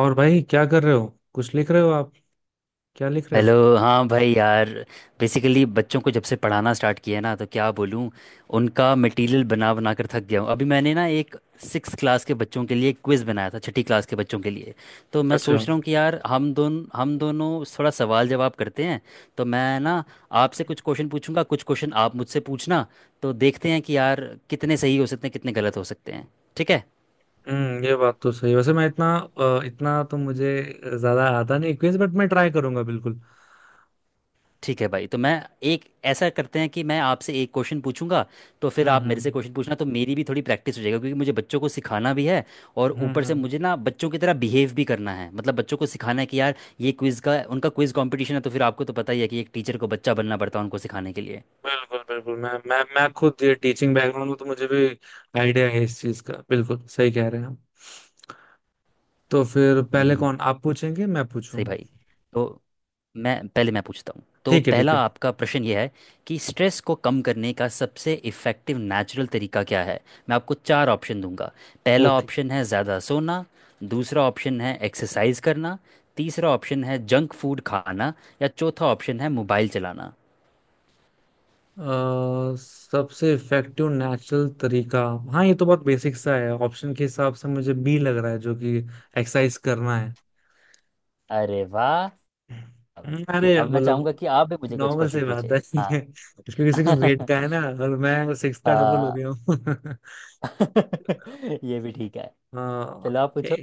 और भाई क्या कर रहे हो? कुछ लिख रहे हो आप? क्या लिख रहे हेलो, हो? हाँ भाई यार। बेसिकली बच्चों को जब से पढ़ाना स्टार्ट किया है ना, तो क्या बोलूँ, उनका मटेरियल बना बना कर थक गया हूँ। अभी मैंने ना एक सिक्स क्लास के बच्चों के लिए क्विज़ बनाया था, छठी क्लास के बच्चों के लिए। तो मैं अच्छा। सोच रहा हूँ कि यार हम दोनों थोड़ा सवाल जवाब करते हैं। तो मैं ना आपसे कुछ क्वेश्चन पूछूंगा, कुछ क्वेश्चन आप मुझसे पूछना। तो देखते हैं कि यार कितने सही हो सकते हैं, कितने गलत हो सकते हैं। ठीक है? हम्म, ये बात तो सही है। वैसे मैं इतना इतना तो मुझे ज्यादा आता नहीं क्विज, बट मैं ट्राई करूंगा बिल्कुल। ठीक है भाई। तो मैं एक ऐसा करते हैं कि मैं आपसे एक क्वेश्चन पूछूंगा, तो फिर आप मेरे से हम्म। क्वेश्चन पूछना, तो मेरी भी थोड़ी प्रैक्टिस हो जाएगा, क्योंकि मुझे बच्चों को सिखाना भी है। और हम्म ऊपर से हम्म, मुझे ना बच्चों की तरह बिहेव भी करना है। मतलब बच्चों को सिखाना है कि यार ये क्विज़ का उनका क्विज़ कंपटीशन है। तो फिर आपको तो पता ही है कि एक टीचर को बच्चा बनना पड़ता है उनको सिखाने के लिए। बिल्कुल बिल्कुल। मैं खुद ये टीचिंग बैकग्राउंड में, तो मुझे भी आइडिया है इस चीज का। बिल्कुल सही कह रहे हैं आप। तो फिर हम्म, हम्म, पहले हम्म। कौन, आप पूछेंगे मैं पूछूं? सही भाई। तो मैं पहले मैं पूछता हूँ। तो ठीक है ठीक पहला है। आपका प्रश्न यह है कि स्ट्रेस को कम करने का सबसे इफ़ेक्टिव नेचुरल तरीका क्या है। मैं आपको चार ऑप्शन दूंगा। पहला ओके। ऑप्शन है ज़्यादा सोना। दूसरा ऑप्शन है एक्सरसाइज करना। तीसरा ऑप्शन है जंक फूड खाना। या चौथा ऑप्शन है मोबाइल चलाना। सबसे इफेक्टिव नेचुरल तरीका। हाँ, ये तो बहुत बेसिक सा है। ऑप्शन के हिसाब से मुझे बी लग रहा है, जो कि एक्सरसाइज करना है। अरे वाह! अब अरे अब मैं मतलब चाहूँगा कि आप भी मुझे कुछ नॉर्मल सी क्वेश्चन बात पूछें। है क्योंकि हाँ। सिक्स ग्रेड का है ना, और मैं सिक्स का डबल हो हाँ। गया हूँ ये भी ठीक है। हाँ, चलो आप पूछो।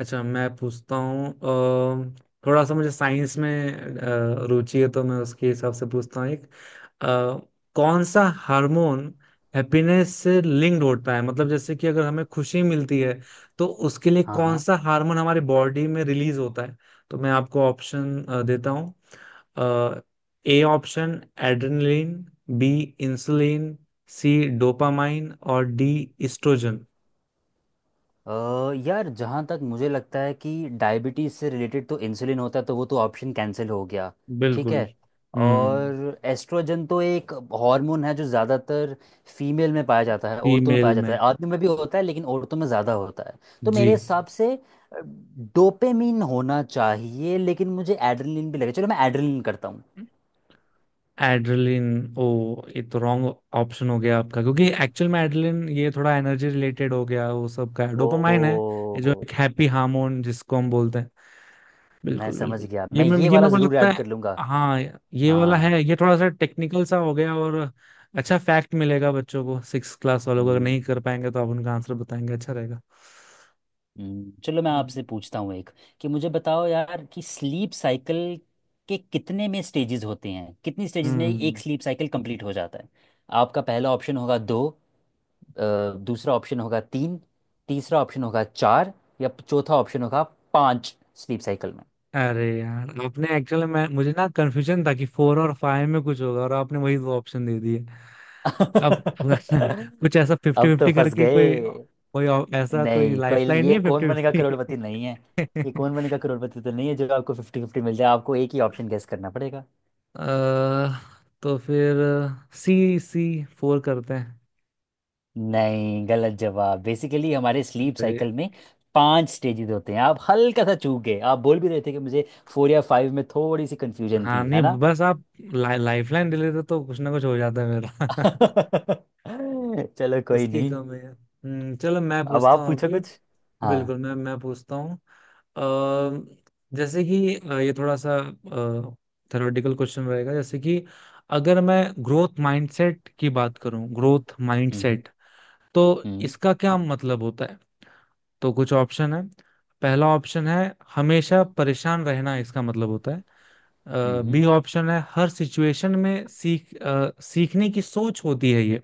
अच्छा मैं पूछता हूँ। थोड़ा सा मुझे साइंस में रुचि है, तो मैं उसके हिसाब से पूछता हूँ एक। अ, कौन सा हार्मोन हैप्पीनेस से लिंक्ड होता है? मतलब जैसे कि अगर हमें खुशी मिलती है, तो उसके लिए हाँ कौन हाँ। सा हार्मोन हमारे बॉडी में रिलीज होता है? तो मैं आपको ऑप्शन देता हूँ। A option adrenaline, B insulin, C dopamine, और डी इस्ट्रोजन। यार जहाँ तक मुझे लगता है कि डायबिटीज़ से रिलेटेड तो इंसुलिन होता है, तो वो तो ऑप्शन कैंसिल हो गया। ठीक बिल्कुल। है। हम्म। और एस्ट्रोजन तो एक हार्मोन है जो ज़्यादातर फीमेल में पाया जाता है, औरतों में फीमेल पाया जाता में। है। आदमियों में भी होता है, लेकिन औरतों में ज़्यादा होता है। तो जी। मेरे हिसाब से डोपामिन होना चाहिए, लेकिन मुझे एड्रेनलिन भी लगे। चलो, मैं एड्रेनलिन करता हूँ। एड्रेलिन, ओ, ये तो रॉन्ग ऑप्शन हो गया आपका। क्योंकि एक्चुअल में एड्रेलिन ये थोड़ा एनर्जी रिलेटेड हो गया, वो सब का ओ! डोपामाइन है। ये जो एक हैप्पी हार्मोन जिसको हम बोलते हैं। मैं बिल्कुल समझ बिल्कुल। गया, ये मैं मैं, ये ये वाला मेरे को ज़रूर लगता ऐड है कर लूँगा। हाँ ये वाला हाँ। है। ये थोड़ा सा टेक्निकल सा हो गया, और अच्छा फैक्ट मिलेगा बच्चों को। सिक्स क्लास वालों को, अगर हम्म। नहीं कर पाएंगे तो आप उनका आंसर बताएंगे, अच्छा रहेगा। चलो मैं आपसे पूछता हूँ एक कि मुझे बताओ यार कि स्लीप साइकिल के कितने में स्टेजेस होते हैं, कितनी स्टेजेस में एक हम्म। स्लीप साइकिल कंप्लीट हो जाता है। आपका पहला ऑप्शन होगा दो। दूसरा ऑप्शन होगा तीन। तीसरा ऑप्शन होगा चार। या चौथा ऑप्शन होगा पांच स्लीप साइकिल में। अरे यार, आपने एक्चुअली, मैं, मुझे ना कंफ्यूजन था कि फोर और फाइव में कुछ होगा, और आपने वही दो ऑप्शन दे दिए। अब कुछ ऐसा फिफ्टी अब तो फिफ्टी फंस करके कोई, गए। कोई ऐसा कोई नहीं, कोई लाइफ लाइन ये नहीं है कौन बनेगा फिफ्टी फिफ्टी। करोड़पति नहीं है। ये कौन बनेगा करोड़पति तो नहीं है जो आपको फिफ्टी फिफ्टी मिल जाए। आपको एक ही ऑप्शन गेस करना पड़ेगा। अ, तो फिर सी सी फोर करते हैं। नहीं, गलत जवाब। बेसिकली हमारे स्लीप अरे। साइकिल में पांच स्टेजेस होते हैं। आप हल्का सा चूक गए। आप बोल भी रहे थे कि मुझे फोर या फाइव में थोड़ी सी कंफ्यूजन हाँ थी, है नहीं, ना। बस आप लाइफ लाइन दे लेते तो कुछ ना कुछ हो जाता है मेरा। चलो, कोई उसकी नहीं। कम है। हम्म, चलो मैं अब पूछता आप हूँ पूछो अभी। कुछ। हाँ। बिल्कुल, मैं पूछता हूँ। अ, जैसे कि ये थोड़ा सा थ्योरेटिकल क्वेश्चन रहेगा। जैसे कि अगर मैं ग्रोथ माइंडसेट की बात करूं, ग्रोथ हम्म माइंडसेट तो हम्म इसका क्या मतलब होता है? तो कुछ ऑप्शन है। पहला ऑप्शन है हमेशा परेशान रहना इसका मतलब होता है। हम्म बी ऑप्शन है हर सिचुएशन में सीख, सीखने की सोच होती है ये।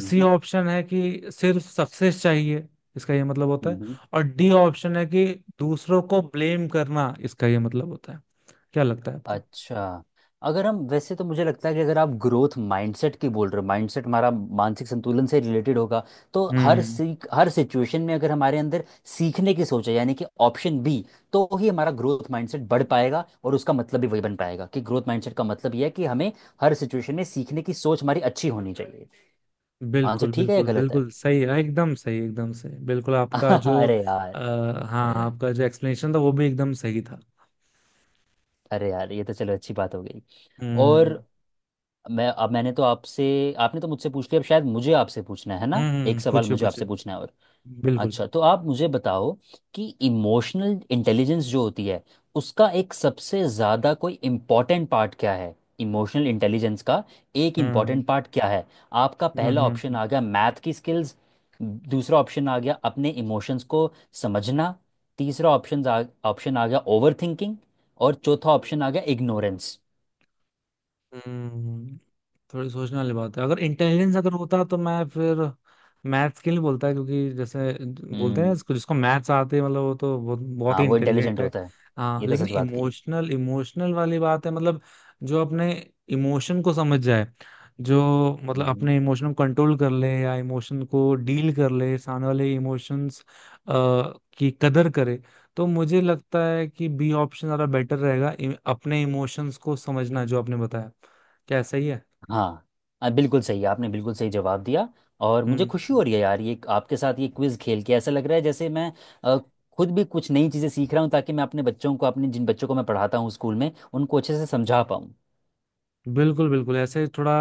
सी ऑप्शन है कि सिर्फ सक्सेस चाहिए इसका ये मतलब होता है। हम्म। और डी ऑप्शन है कि दूसरों को ब्लेम करना इसका ये मतलब होता है। क्या लगता है आपको? अच्छा, अगर हम, वैसे तो मुझे लगता है कि अगर आप ग्रोथ माइंडसेट की बोल रहे हो, माइंडसेट हमारा मानसिक संतुलन से रिलेटेड होगा, तो हर हम्म। सीख, हर सिचुएशन में अगर हमारे अंदर सीखने की सोच है, यानी कि ऑप्शन बी, तो ही हमारा ग्रोथ माइंडसेट बढ़ पाएगा, और उसका मतलब भी वही बन पाएगा कि ग्रोथ माइंडसेट का मतलब यह है कि हमें हर सिचुएशन में सीखने की सोच हमारी अच्छी होनी चाहिए। आंसर बिल्कुल ठीक है या बिल्कुल, गलत है? बिल्कुल सही है, एकदम सही, एकदम सही। बिल्कुल आपका जो, अरे यार! आ, हाँ, आपका जो एक्सप्लेनेशन था वो भी एकदम सही था। अरे यार, ये तो चलो अच्छी बात हो गई। और हम्म। मैं अब मैंने तो आपसे आपने तो मुझसे पूछ लिया। अब शायद मुझे आपसे पूछना है ना, एक हम्म, सवाल पूछे मुझे पूछे, आपसे पूछना है। और बिल्कुल। अच्छा, तो आप मुझे बताओ कि इमोशनल इंटेलिजेंस जो होती है, उसका एक सबसे ज़्यादा कोई इम्पोर्टेंट पार्ट क्या है। इमोशनल इंटेलिजेंस का एक हम्म इम्पोर्टेंट पार्ट क्या है? आपका हम्म। पहला ऑप्शन आ गया मैथ की स्किल्स। दूसरा ऑप्शन आ गया अपने इमोशंस को समझना। तीसरा ऑप्शन आ गया ओवर थिंकिंग। और चौथा ऑप्शन आ गया इग्नोरेंस। हम्म। थोड़ी सोचने वाली बात है। अगर इंटेलिजेंस अगर होता तो मैं फिर मैथ्स के लिए बोलता, क्योंकि जैसे बोलते हैं इसको, जिसको मैथ्स आते हैं मतलब वो तो बहुत बहुत हाँ, ही वो इंटेलिजेंट इंटेलिजेंट है। होता है। हाँ, ये तो लेकिन सच बात कही। इमोशनल, इमोशनल वाली बात है मतलब जो अपने इमोशन को समझ जाए, जो मतलब मम्म। अपने इमोशन को कंट्रोल कर ले या इमोशन को डील कर ले, सामने वाले इमोशंस की कदर करे। तो मुझे लगता है कि बी ऑप्शन ज़्यादा बेटर रहेगा, अपने इमोशंस को समझना, जो आपने बताया। क्या सही है? हाँ। बिल्कुल सही, आपने बिल्कुल सही जवाब दिया। और मुझे खुशी हम्म। हो रही है यार, ये आपके साथ ये क्विज खेल के ऐसा लग रहा है जैसे मैं आ, खुद भी कुछ नई चीज़ें सीख रहा हूँ, ताकि मैं अपने बच्चों को, अपने जिन बच्चों को मैं पढ़ाता हूँ स्कूल में, उनको अच्छे से समझा पाऊँ। बिल्कुल बिल्कुल, ऐसे थोड़ा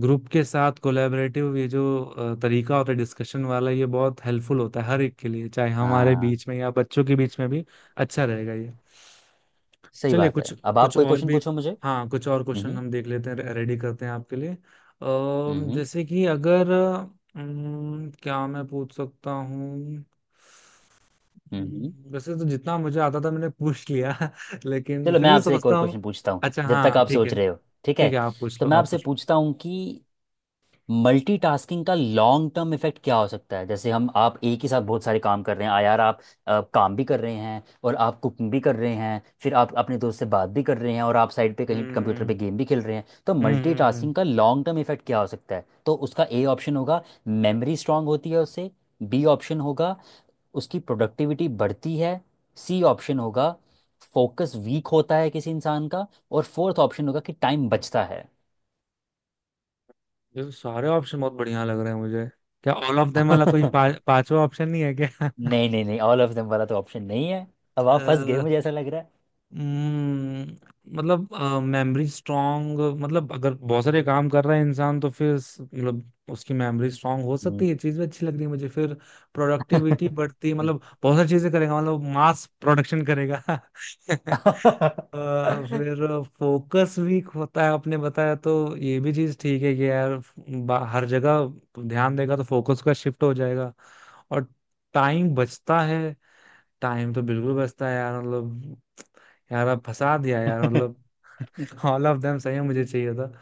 ग्रुप के साथ कोलैबोरेटिव ये जो तरीका होता है डिस्कशन वाला, ये बहुत हेल्पफुल होता है हर एक के लिए, चाहे हमारे हाँ। बीच में या बच्चों के बीच में भी। अच्छा रहेगा ये। सही चलिए बात है, कुछ, अब आप कुछ कोई और क्वेश्चन भी। पूछो मुझे। हाँ, कुछ और क्वेश्चन हम्म हम देख लेते हैं, रेडी करते हैं आपके लिए। हम्म जैसे कि अगर, क्या मैं पूछ सकता हूँ? हम्म। वैसे तो जितना मुझे आता था मैंने पूछ लिया लेकिन चलो मैं फिर भी आपसे एक सोचता और हूँ। क्वेश्चन पूछता हूँ अच्छा जब तक हाँ, आप ठीक सोच है। रहे हो। ठीक ठीक है। है, आप पूछ तो लो मैं आप आपसे पूछ लो। पूछता हूँ कि मल्टीटास्किंग का लॉन्ग टर्म इफेक्ट क्या हो सकता है। जैसे हम, आप एक ही साथ बहुत सारे काम कर रहे हैं। आ यार, आप काम भी कर रहे हैं और आप कुकिंग भी कर रहे हैं, फिर आप अपने दोस्त से बात भी कर रहे हैं, और आप साइड पे कहीं कंप्यूटर पे हम्म गेम भी खेल रहे हैं। तो हम्म। मल्टीटास्किंग का लॉन्ग टर्म इफेक्ट क्या हो सकता है? तो उसका ए ऑप्शन होगा मेमोरी स्ट्रांग होती है उससे। बी ऑप्शन होगा उसकी प्रोडक्टिविटी बढ़ती है। सी ऑप्शन होगा फोकस वीक होता है किसी इंसान का। और फोर्थ ऑप्शन होगा कि टाइम बचता है। ये तो सारे ऑप्शन बहुत बढ़िया लग रहे हैं मुझे। क्या ऑल ऑफ देम वाला कोई पांचवा ऑप्शन नहीं है क्या? नहीं नहीं नहीं ऑल ऑफ देम वाला तो ऑप्शन नहीं है। अब आप फंस गए, मुझे ऐसा लग रहा है। हम्म, मतलब मेमोरी स्ट्रांग, मतलब अगर बहुत सारे काम कर रहा है इंसान तो फिर मतलब उसकी मेमोरी स्ट्रांग हो सकती हम्म। है, ये चीज भी अच्छी लग रही है मुझे। फिर प्रोडक्टिविटी बढ़ती है, मतलब बहुत सारी चीजें करेगा, मतलब मास प्रोडक्शन करेगा अ, फिर फोकस वीक होता है आपने बताया, तो ये भी चीज ठीक है कि यार हर जगह ध्यान देगा तो फोकस का शिफ्ट हो जाएगा। और टाइम बचता है, टाइम तो बिल्कुल बचता है यार, मतलब यार आप फंसा दिया यार मतलब ऑल ऑफ देम सही है मुझे चाहिए था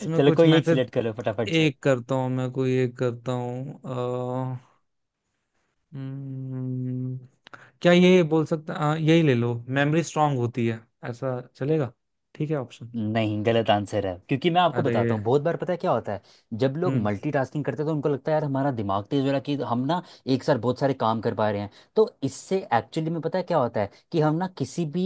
चलो, कुछ कोई मैं एक फिर। सिलेक्ट करो फटाफट से। एक करता हूँ, मैं कोई एक करता हूँ। हम्म, क्या ये बोल सकता, यही ले लो, मेमोरी स्ट्रांग होती है, ऐसा चलेगा? ठीक है ऑप्शन। नहीं, गलत आंसर है। क्योंकि मैं आपको अरे। बताता हूँ, बहुत बार पता है क्या होता है, जब लोग हम्म। मल्टीटास्किंग करते हैं, तो उनको लगता है यार हमारा दिमाग तेज हो रहा है कि हम ना एक साथ बहुत सारे काम कर पा रहे हैं। तो इससे एक्चुअली में पता है क्या होता है कि हम ना किसी भी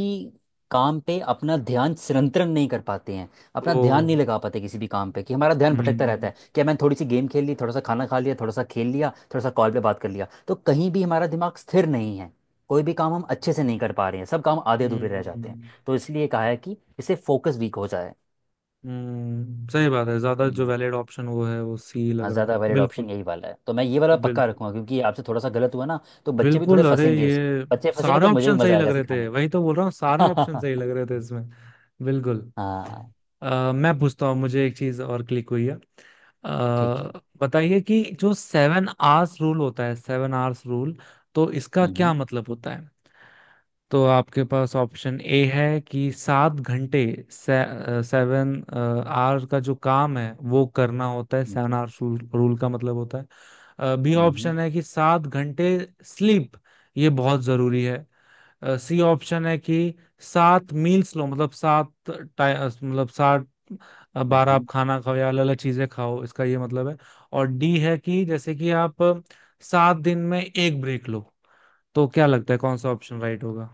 काम पे अपना ध्यान संरक्षण नहीं कर पाते हैं। ओ। अपना ध्यान नहीं लगा पाते किसी भी काम पे, कि हमारा ध्यान भटकता रहता हम्म। है, कि मैंने थोड़ी सी गेम खेल ली, थोड़ा सा खाना खा लिया, थोड़ा सा खेल लिया, थोड़ा सा कॉल पे बात कर लिया, तो कहीं भी हमारा दिमाग स्थिर नहीं है। कोई भी काम हम अच्छे से नहीं कर पा रहे हैं, सब काम आधे अधूरे रह जाते हैं। हम्म। तो इसलिए कहा है कि इससे फोकस वीक हो जाए। सही बात है, ज्यादा जो हम्म, वैलिड ऑप्शन वो है वो सी लग हाँ, रहा है, ज़्यादा वैलिड बिल्कुल। ऑप्शन यही वाला है, तो मैं ये वाला पक्का बिल्कुल। रखूंगा। क्योंकि आपसे थोड़ा सा गलत हुआ ना, तो बच्चे भी थोड़े बिल्कुल। अरे फंसेंगे इसमें। ये बच्चे फंसेंगे सारे तो मुझे ऑप्शन भी सही मज़ा लग आएगा रहे थे, सिखाने वही तो बोल रहा हूँ, सारे ऑप्शन में। सही लग रहे थे इसमें। बिल्कुल। हाँ। मैं पूछता हूँ, मुझे एक चीज और क्लिक हुई है। ठीक है। बताइए कि जो सेवन आवर्स रूल होता है, सेवन आवर्स रूल तो इसका हम्म क्या हम्म मतलब होता है? तो आपके पास ऑप्शन ए है कि सात घंटे सेवन आवर का जो काम है वो करना होता है, सेवन आवर रूल, रूल का मतलब होता है। बी हम्म हम्म, ऑप्शन है कि सात घंटे स्लीप, ये बहुत जरूरी है। सी ऑप्शन है कि सात मील्स लो, मतलब सात मतलब सात बार आप हम्म, खाना खाओ, या अलग अलग चीजें खाओ, इसका ये मतलब है। और डी है कि जैसे कि आप सात दिन में एक ब्रेक लो। तो क्या लगता है, कौन सा ऑप्शन राइट होगा?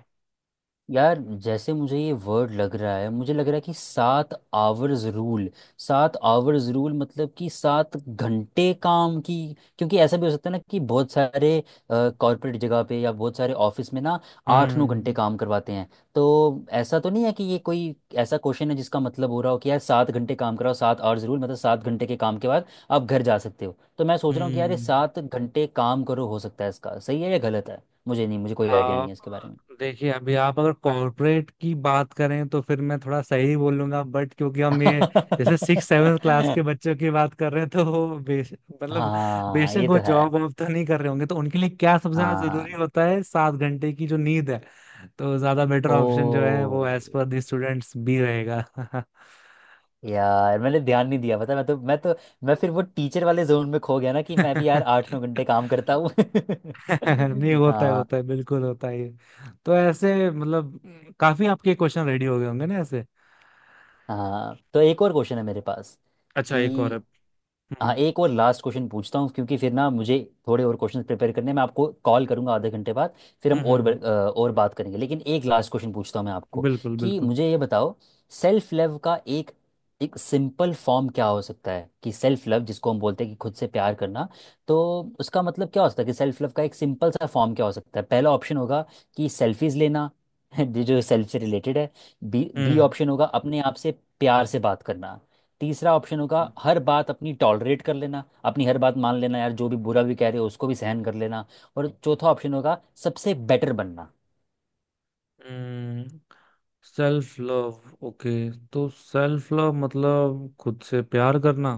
यार जैसे मुझे ये वर्ड लग रहा है, मुझे लग रहा है कि सात आवर्स रूल, सात आवर्स रूल मतलब कि सात घंटे काम की। क्योंकि ऐसा भी हो सकता है ना कि बहुत सारे कॉर्पोरेट जगह पे या बहुत सारे ऑफिस में ना आठ नौ घंटे हम्म काम करवाते हैं। तो ऐसा तो नहीं है कि ये कोई ऐसा क्वेश्चन है जिसका मतलब हो रहा हो कि यार सात घंटे काम कराओ, सात आवर्स रूल मतलब सात घंटे के काम के बाद आप घर जा सकते हो। तो मैं सोच रहा हूँ कि यार ये हम्म। सात घंटे काम करो, हो सकता है इसका सही है या गलत है। मुझे कोई आइडिया नहीं आप है इसके बारे में। देखिए, अभी आप अगर कॉर्पोरेट की बात करें तो फिर मैं थोड़ा सही बोलूंगा, बट क्योंकि हम ये जैसे सिक्स सेवन क्लास के बच्चों की बात कर रहे हैं, तो वो बेश मतलब हाँ, बेशक ये वो तो है। जॉब वॉब तो नहीं कर रहे होंगे, तो उनके लिए क्या सबसे ज्यादा जरूरी हाँ। होता है? सात घंटे की जो नींद है। तो ज्यादा बेटर ओ! ऑप्शन जो है वो as per the students B रहेगा। यार मैंने ध्यान नहीं दिया पता, मैं फिर वो टीचर वाले जोन में खो गया ना, कि मैं भी यार आठ नौ घंटे काम करता हूँ। नहीं, होता है, होता हाँ। है, बिल्कुल होता है ये। तो ऐसे मतलब काफी आपके क्वेश्चन रेडी हो गए होंगे ना ऐसे। हाँ, तो एक और क्वेश्चन है मेरे पास अच्छा कि, एक और है। हाँ, हम्म एक और लास्ट क्वेश्चन पूछता हूँ, क्योंकि फिर ना मुझे थोड़े और क्वेश्चन प्रिपेयर करने हैं। मैं आपको कॉल करूँगा आधे घंटे बाद, फिर हम हम्म। और और बात करेंगे। लेकिन एक लास्ट क्वेश्चन पूछता हूँ मैं आपको बिल्कुल कि बिल्कुल। मुझे ये बताओ सेल्फ लव का एक एक सिंपल फॉर्म क्या हो सकता है। कि सेल्फ लव जिसको हम बोलते हैं कि खुद से प्यार करना, तो उसका मतलब क्या हो सकता है, कि सेल्फ लव का एक सिंपल सा फॉर्म क्या हो सकता है। पहला ऑप्शन होगा कि सेल्फीज लेना जो सेल्फ से रिलेटेड है। बी बी ऑप्शन होगा अपने आप से प्यार से बात करना। तीसरा ऑप्शन होगा हम्म हर बात अपनी टॉलरेट कर लेना, अपनी हर बात मान लेना, यार जो भी बुरा भी कह रहे हो उसको भी सहन कर लेना। और चौथा ऑप्शन होगा सबसे बेटर बनना। हम्म। Self love, okay. तो सेल्फ लव मतलब खुद से प्यार करना।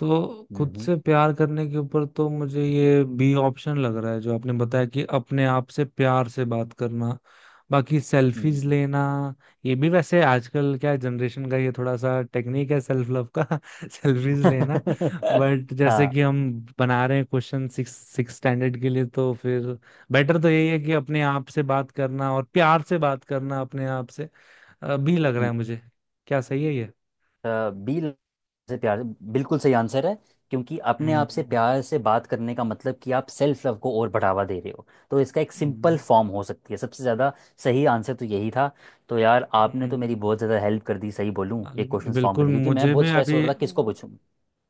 तो खुद हम्म से प्यार करने के ऊपर तो मुझे ये बी ऑप्शन लग रहा है, जो आपने बताया, कि अपने आप से प्यार से बात करना। बाकी सेल्फीज हम्म, लेना, ये भी वैसे आजकल क्या जनरेशन का ये थोड़ा सा टेक्निक है सेल्फ लव का सेल्फीज लेना। हम्म, बट जैसे कि हाँ, हम बना रहे हैं क्वेश्चन सिक्स, सिक्स स्टैंडर्ड के लिए, तो फिर बेटर तो यही है कि अपने आप से बात करना, और प्यार से बात करना अपने आप से। भी लग रहा है मुझे। क्या सही है ये? बी से प्यार से- बिल्कुल सही आंसर है। क्योंकि अपने आप से हम्म। प्यार से बात करने का मतलब कि आप सेल्फ लव को और बढ़ावा दे रहे हो, तो इसका एक हम्म, सिंपल फॉर्म हो सकती है सबसे ज़्यादा। सही आंसर तो यही था। तो यार आपने तो हम्म, मेरी बहुत ज़्यादा हेल्प कर दी, सही बोलूँ, एक अरे क्वेश्चन फॉर्म बिल्कुल। करने, क्योंकि मैं मुझे भी बहुत स्ट्रेस हो अभी रहा था किसको पूछूँ।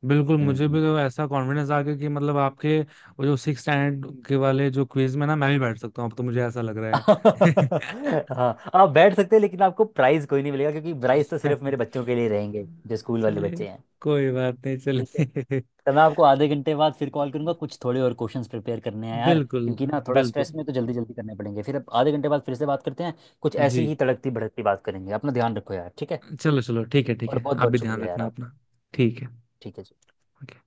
बिल्कुल, मुझे भी हम्म। तो ऐसा कॉन्फिडेंस आ गया कि मतलब आपके वो जो सिक्स स्टैंडर्ड के वाले जो क्विज में ना, मैं भी बैठ सकता हूँ, अब तो मुझे ऐसा लग रहा हाँ, आप बैठ सकते हैं, लेकिन आपको प्राइज़ कोई नहीं मिलेगा, क्योंकि प्राइज़ तो है। सिर्फ मेरे बच्चों के लिए रहेंगे, जो स्कूल वाले चलिए, बच्चे हैं। कोई बात नहीं, ठीक है। चलिए। तो मैं आपको आधे घंटे बाद फिर कॉल करूंगा, कुछ थोड़े और क्वेश्चंस प्रिपेयर करने हैं यार, बिल्कुल, क्योंकि ना थोड़ा स्ट्रेस बिल्कुल। में तो जल्दी जल्दी करने पड़ेंगे। फिर अब आधे घंटे बाद फिर से बात करते हैं। कुछ जी, ऐसी ही तड़कती भड़कती बात करेंगे। अपना ध्यान रखो यार। ठीक है? चलो चलो, ठीक है ठीक और है, बहुत आप भी बहुत ध्यान शुक्रिया यार रखना आपका। अपना। ठीक है। ठीक है जी। ओके।